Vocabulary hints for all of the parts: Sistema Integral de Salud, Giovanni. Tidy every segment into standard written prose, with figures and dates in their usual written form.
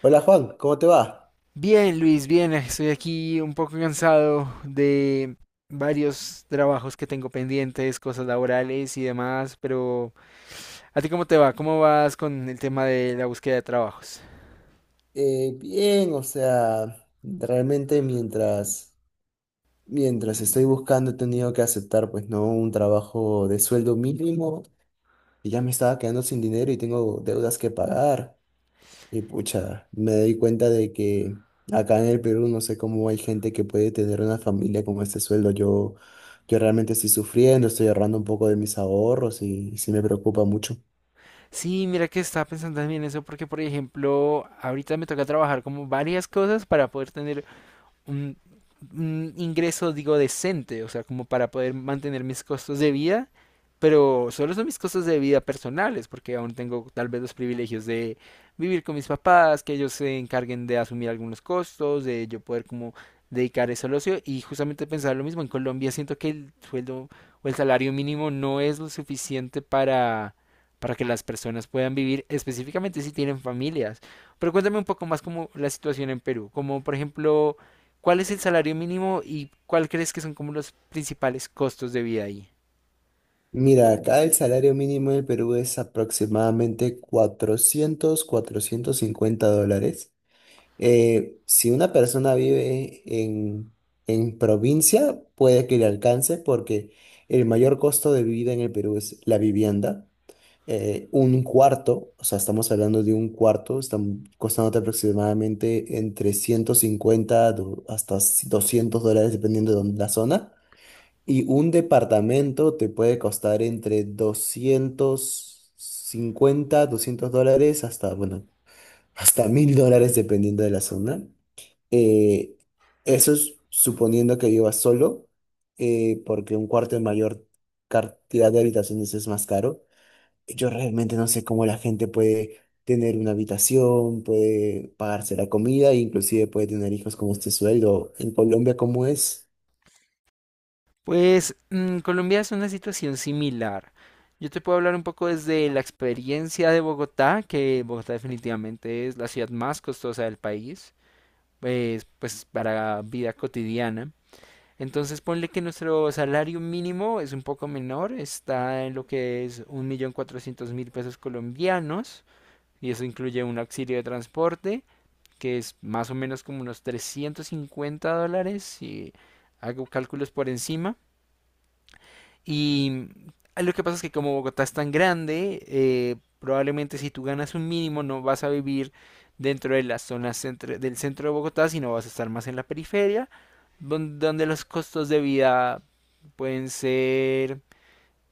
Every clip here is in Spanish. Hola Juan, ¿cómo te va? Bien, Luis, bien, estoy aquí un poco cansado de varios trabajos que tengo pendientes, cosas laborales y demás, pero ¿a ti cómo te va? ¿Cómo vas con el tema de la búsqueda de trabajos? Bien, o sea, realmente mientras estoy buscando he tenido que aceptar pues no un trabajo de sueldo mínimo y ya me estaba quedando sin dinero y tengo deudas que pagar y pucha, me doy cuenta de que acá en el Perú no sé cómo hay gente que puede tener una familia con este sueldo. Yo realmente estoy sufriendo, estoy ahorrando un poco de mis ahorros y sí me preocupa mucho. Sí, mira que estaba pensando también eso porque, por ejemplo, ahorita me toca trabajar como varias cosas para poder tener un, un ingreso, digo, decente, o sea, como para poder mantener mis costos de vida, pero solo son mis costos de vida personales, porque aún tengo tal vez los privilegios de vivir con mis papás, que ellos se encarguen de asumir algunos costos, de yo poder como dedicar eso al ocio y justamente pensar lo mismo, en Colombia siento que el sueldo o el salario mínimo no es lo suficiente para que las personas puedan vivir específicamente si tienen familias. Pero cuéntame un poco más como la situación en Perú, como por ejemplo, ¿cuál es el salario mínimo y cuál crees que son como los principales costos de vida ahí? Mira, acá el salario mínimo del Perú es aproximadamente cuatrocientos cincuenta dólares. Si una persona vive en provincia, puede que le alcance porque el mayor costo de vida en el Perú es la vivienda. Un cuarto, o sea, estamos hablando de un cuarto, están costándote aproximadamente entre 150 hasta $200 dependiendo de la zona. Y un departamento te puede costar entre $200 hasta, bueno, hasta $1,000 dependiendo de la zona. Eh, Eso es suponiendo que vivas solo, porque un cuarto de mayor cantidad de habitaciones es más caro. Yo realmente no sé cómo la gente puede tener una habitación, puede pagarse la comida, e inclusive puede tener hijos con este sueldo. En Colombia, ¿cómo es? Pues Colombia es una situación similar. Yo te puedo hablar un poco desde la experiencia de Bogotá, que Bogotá definitivamente es la ciudad más costosa del país, pues para vida cotidiana. Entonces ponle que nuestro salario mínimo es un poco menor, está en lo que es 1.400.000 pesos colombianos, y eso incluye un auxilio de transporte que es más o menos como unos $350, si hago cálculos por encima. Y lo que pasa es que como Bogotá es tan grande, probablemente si tú ganas un mínimo no vas a vivir dentro de las zonas del centro de Bogotá, sino vas a estar más en la periferia, donde los costos de vida pueden ser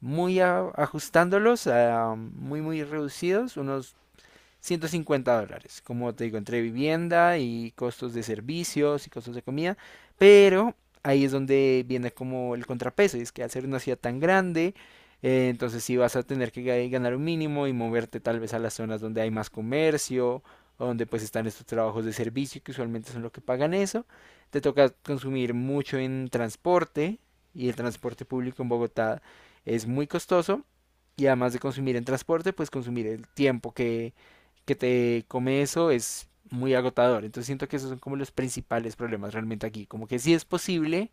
ajustándolos a muy muy reducidos, unos $150, como te digo, entre vivienda y costos de servicios y costos de comida, pero ahí es donde viene como el contrapeso, y es que al ser una ciudad tan grande, entonces sí vas a tener que ganar un mínimo y moverte tal vez a las zonas donde hay más comercio, o donde pues están estos trabajos de servicio que usualmente son los que pagan eso, te toca consumir mucho en transporte, y el transporte público en Bogotá es muy costoso, y además de consumir en transporte, pues consumir el tiempo que te come eso es muy agotador. Entonces siento que esos son como los principales problemas realmente aquí. Como que sí es posible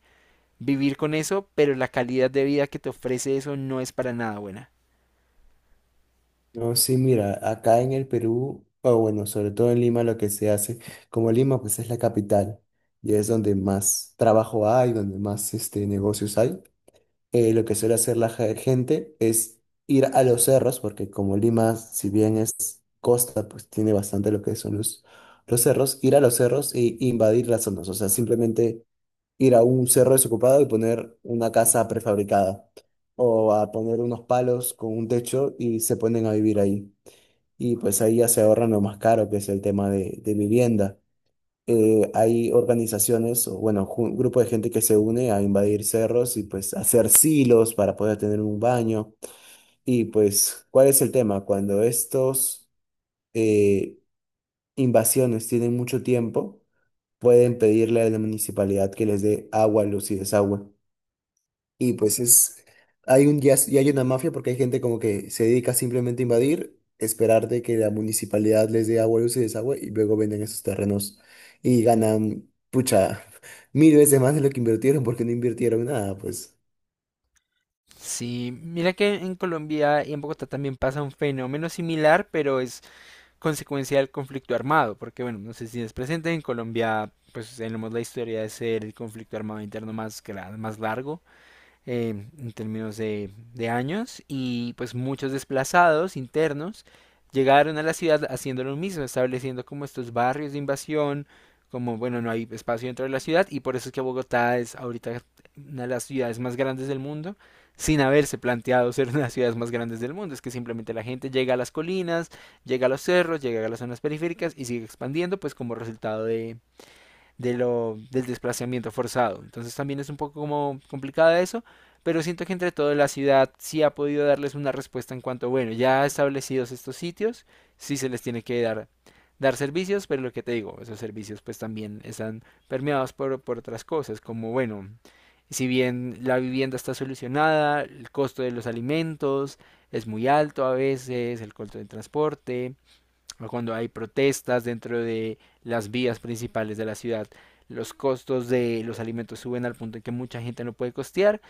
vivir con eso, pero la calidad de vida que te ofrece eso no es para nada buena. No, sí, mira, acá en el Perú, o bueno, sobre todo en Lima, lo que se hace, como Lima pues es la capital y es donde más trabajo hay, donde más este, negocios hay, lo que suele hacer la gente es ir a los cerros, porque como Lima, si bien es costa, pues tiene bastante lo que son los cerros, ir a los cerros e invadir las zonas, o sea, simplemente ir a un cerro desocupado y poner una casa prefabricada o a poner unos palos con un techo y se ponen a vivir ahí y pues ahí ya se ahorran lo más caro, que es el tema de vivienda. Hay organizaciones, o bueno, un grupo de gente que se une a invadir cerros y pues hacer silos para poder tener un baño. Y pues, ¿cuál es el tema? Cuando estos eh, invasiones tienen mucho tiempo, pueden pedirle a la municipalidad que les dé agua, luz y desagüe. Y pues, ya, ya hay una mafia porque hay gente como que se dedica simplemente a invadir, esperar de que la municipalidad les dé agua, luz y desagüe y luego venden esos terrenos y ganan, pucha, mil veces más de lo que invirtieron porque no invirtieron nada, pues. Sí, mira que en Colombia y en Bogotá también pasa un fenómeno similar, pero es consecuencia del conflicto armado, porque bueno, no sé si es presente en Colombia, pues tenemos la historia de ser el conflicto armado interno más, más largo, eh, en términos de años y pues muchos desplazados internos llegaron a la ciudad haciendo lo mismo, estableciendo como estos barrios de invasión, como bueno, no hay espacio dentro de la ciudad y por eso es que Bogotá es ahorita una de las ciudades más grandes del mundo sin haberse planteado ser una de las ciudades más grandes del mundo, es que simplemente la gente llega a las colinas, llega a los cerros, llega a las zonas periféricas y sigue expandiendo pues como resultado del desplazamiento forzado. Entonces también es un poco como complicada eso, pero siento que entre todo la ciudad sí ha podido darles una respuesta en cuanto, bueno, ya establecidos estos sitios, sí se les tiene que dar, servicios, pero lo que te digo, esos servicios pues también están permeados por otras cosas, como, bueno, si bien la vivienda está solucionada, el costo de los alimentos es muy alto a veces, el costo del transporte, o cuando hay protestas dentro de las vías principales de la ciudad. Los costos de los alimentos suben al punto en que mucha gente no puede costear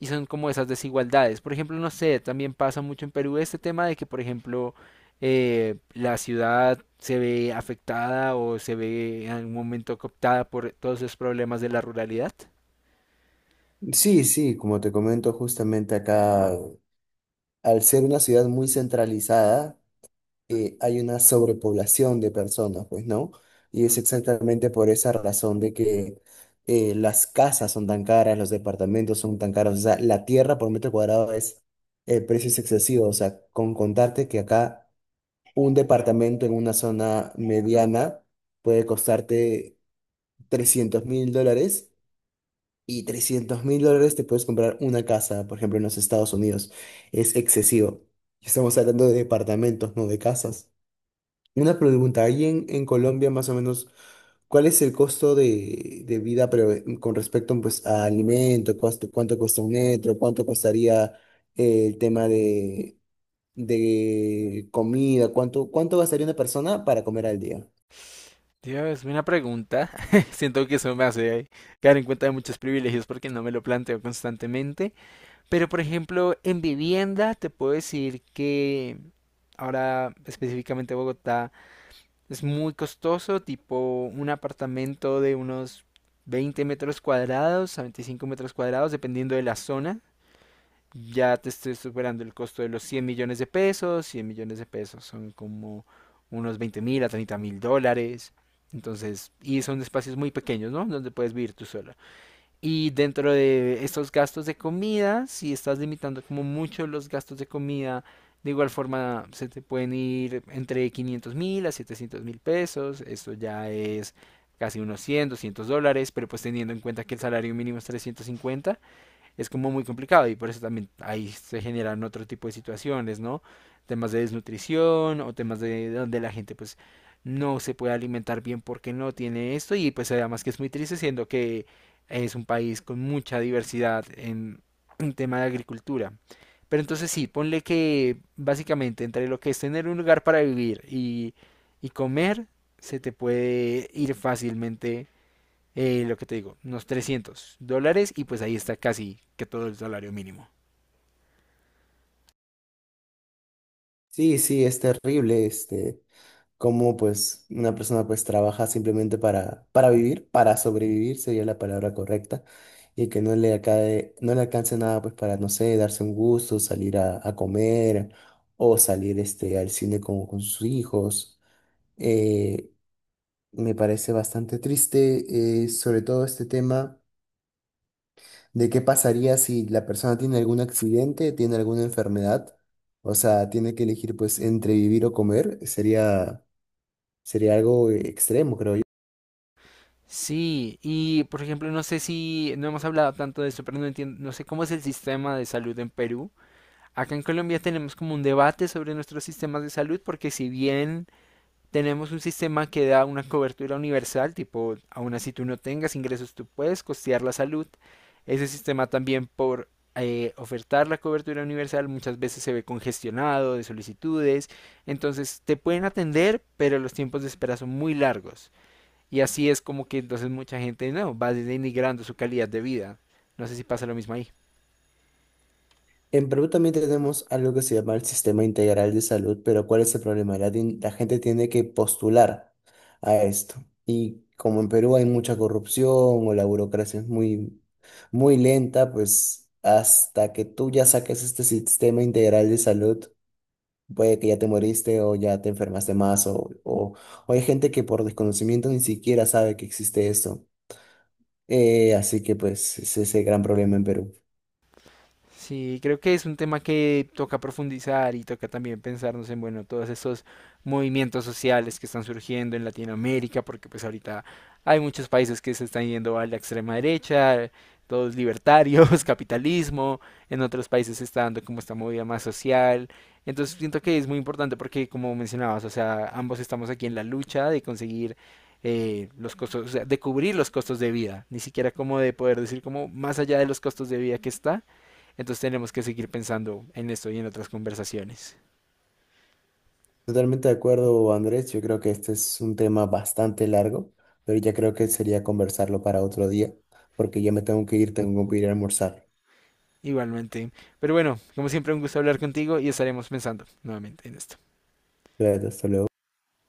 y son como esas desigualdades. Por ejemplo, no sé, también pasa mucho en Perú este tema de que, por ejemplo, la ciudad se ve afectada o se ve en algún momento cooptada por todos esos problemas de la ruralidad. Sí, sí, como te comento justamente acá, al ser una ciudad muy centralizada, hay una sobrepoblación de personas, pues, ¿no? Y es exactamente por esa razón de que las casas son tan caras, los departamentos son tan caros, o sea, la tierra por metro cuadrado el precio es excesivo, o sea, con contarte que acá un departamento en una zona mediana puede costarte $300,000. Y $300,000 te puedes comprar una casa, por ejemplo, en los Estados Unidos. Es excesivo. Estamos hablando de departamentos, no de casas. Una pregunta, ahí en Colombia más o menos, ¿cuál es el costo de vida pero, con respecto pues, a alimento? ¿Cuánto cuesta un metro? ¿Cuánto costaría el tema de comida? ¿Cuánto gastaría una persona para comer al día? Dios, una pregunta. Siento que eso me hace caer en cuenta de muchos privilegios porque no me lo planteo constantemente. Pero por ejemplo, en vivienda te puedo decir que ahora específicamente Bogotá es muy costoso, tipo un apartamento de unos 20 metros cuadrados a 25 metros cuadrados, dependiendo de la zona. Ya te estoy superando el costo de los 100 millones de pesos. 100 millones de pesos son como unos 20.000 a 30.000 dólares. Entonces, y son espacios muy pequeños, ¿no? Donde puedes vivir tú solo. Y dentro de estos gastos de comida, si estás limitando como mucho los gastos de comida, de igual forma se te pueden ir entre 500 mil a 700 mil pesos. Esto ya es casi unos 100, $200, pero pues teniendo en cuenta que el salario mínimo es 350, es como muy complicado y por eso también ahí se generan otro tipo de situaciones, ¿no? Temas de desnutrición o temas de donde la gente pues no se puede alimentar bien porque no tiene esto y pues además que es muy triste siendo que es un país con mucha diversidad en, tema de agricultura. Pero entonces sí, ponle que básicamente entre lo que es tener un lugar para vivir y comer, se te puede ir fácilmente, lo que te digo, unos $300 y pues ahí está casi que todo el salario mínimo. Sí, sí, es terrible. Este, cómo pues una persona pues trabaja simplemente para vivir, para sobrevivir sería la palabra correcta, y que no le acabe, no le alcance nada pues para, no sé, darse un gusto, salir a comer o salir este, al cine con sus hijos. Eh, Me parece bastante triste, sobre todo este tema de qué pasaría si la persona tiene algún accidente, tiene alguna enfermedad, o sea, tiene que elegir pues entre vivir o comer, sería algo extremo, creo yo. Sí, y por ejemplo, no sé si no hemos hablado tanto de eso, pero no entiendo, no sé cómo es el sistema de salud en Perú. Acá en Colombia tenemos como un debate sobre nuestros sistemas de salud, porque si bien tenemos un sistema que da una cobertura universal, tipo, aun así tú no tengas ingresos, tú puedes costear la salud. Ese sistema también por ofertar la cobertura universal muchas veces se ve congestionado de solicitudes. Entonces te pueden atender, pero los tiempos de espera son muy largos. Y así es como que entonces mucha gente no va denigrando su calidad de vida. No sé si pasa lo mismo ahí. En Perú también tenemos algo que se llama el Sistema Integral de Salud, pero ¿cuál es el problema? La gente tiene que postular a esto. Y como en Perú hay mucha corrupción o la burocracia es muy, muy lenta, pues hasta que tú ya saques este Sistema Integral de Salud, puede que ya te moriste o ya te enfermaste más o hay gente que por desconocimiento ni siquiera sabe que existe esto. Así que pues es ese gran problema en Perú. Sí, creo que es un tema que toca profundizar y toca también pensarnos en, bueno, todos estos movimientos sociales que están surgiendo en Latinoamérica, porque pues ahorita hay muchos países que se están yendo a la extrema derecha, todos libertarios, capitalismo, en otros países se está dando como esta movida más social. Entonces siento que es muy importante porque, como mencionabas, o sea, ambos estamos aquí en la lucha de conseguir, los costos, o sea, de cubrir los costos de vida, ni siquiera como de poder decir como más allá de los costos de vida que está. Entonces tenemos que seguir pensando en esto y en otras conversaciones. Totalmente de acuerdo, Andrés. Yo creo que este es un tema bastante largo, pero ya creo que sería conversarlo para otro día, porque ya me tengo que ir a almorzar. Igualmente. Pero bueno, como siempre, un gusto hablar contigo y estaremos pensando nuevamente en esto. Claro, hasta luego.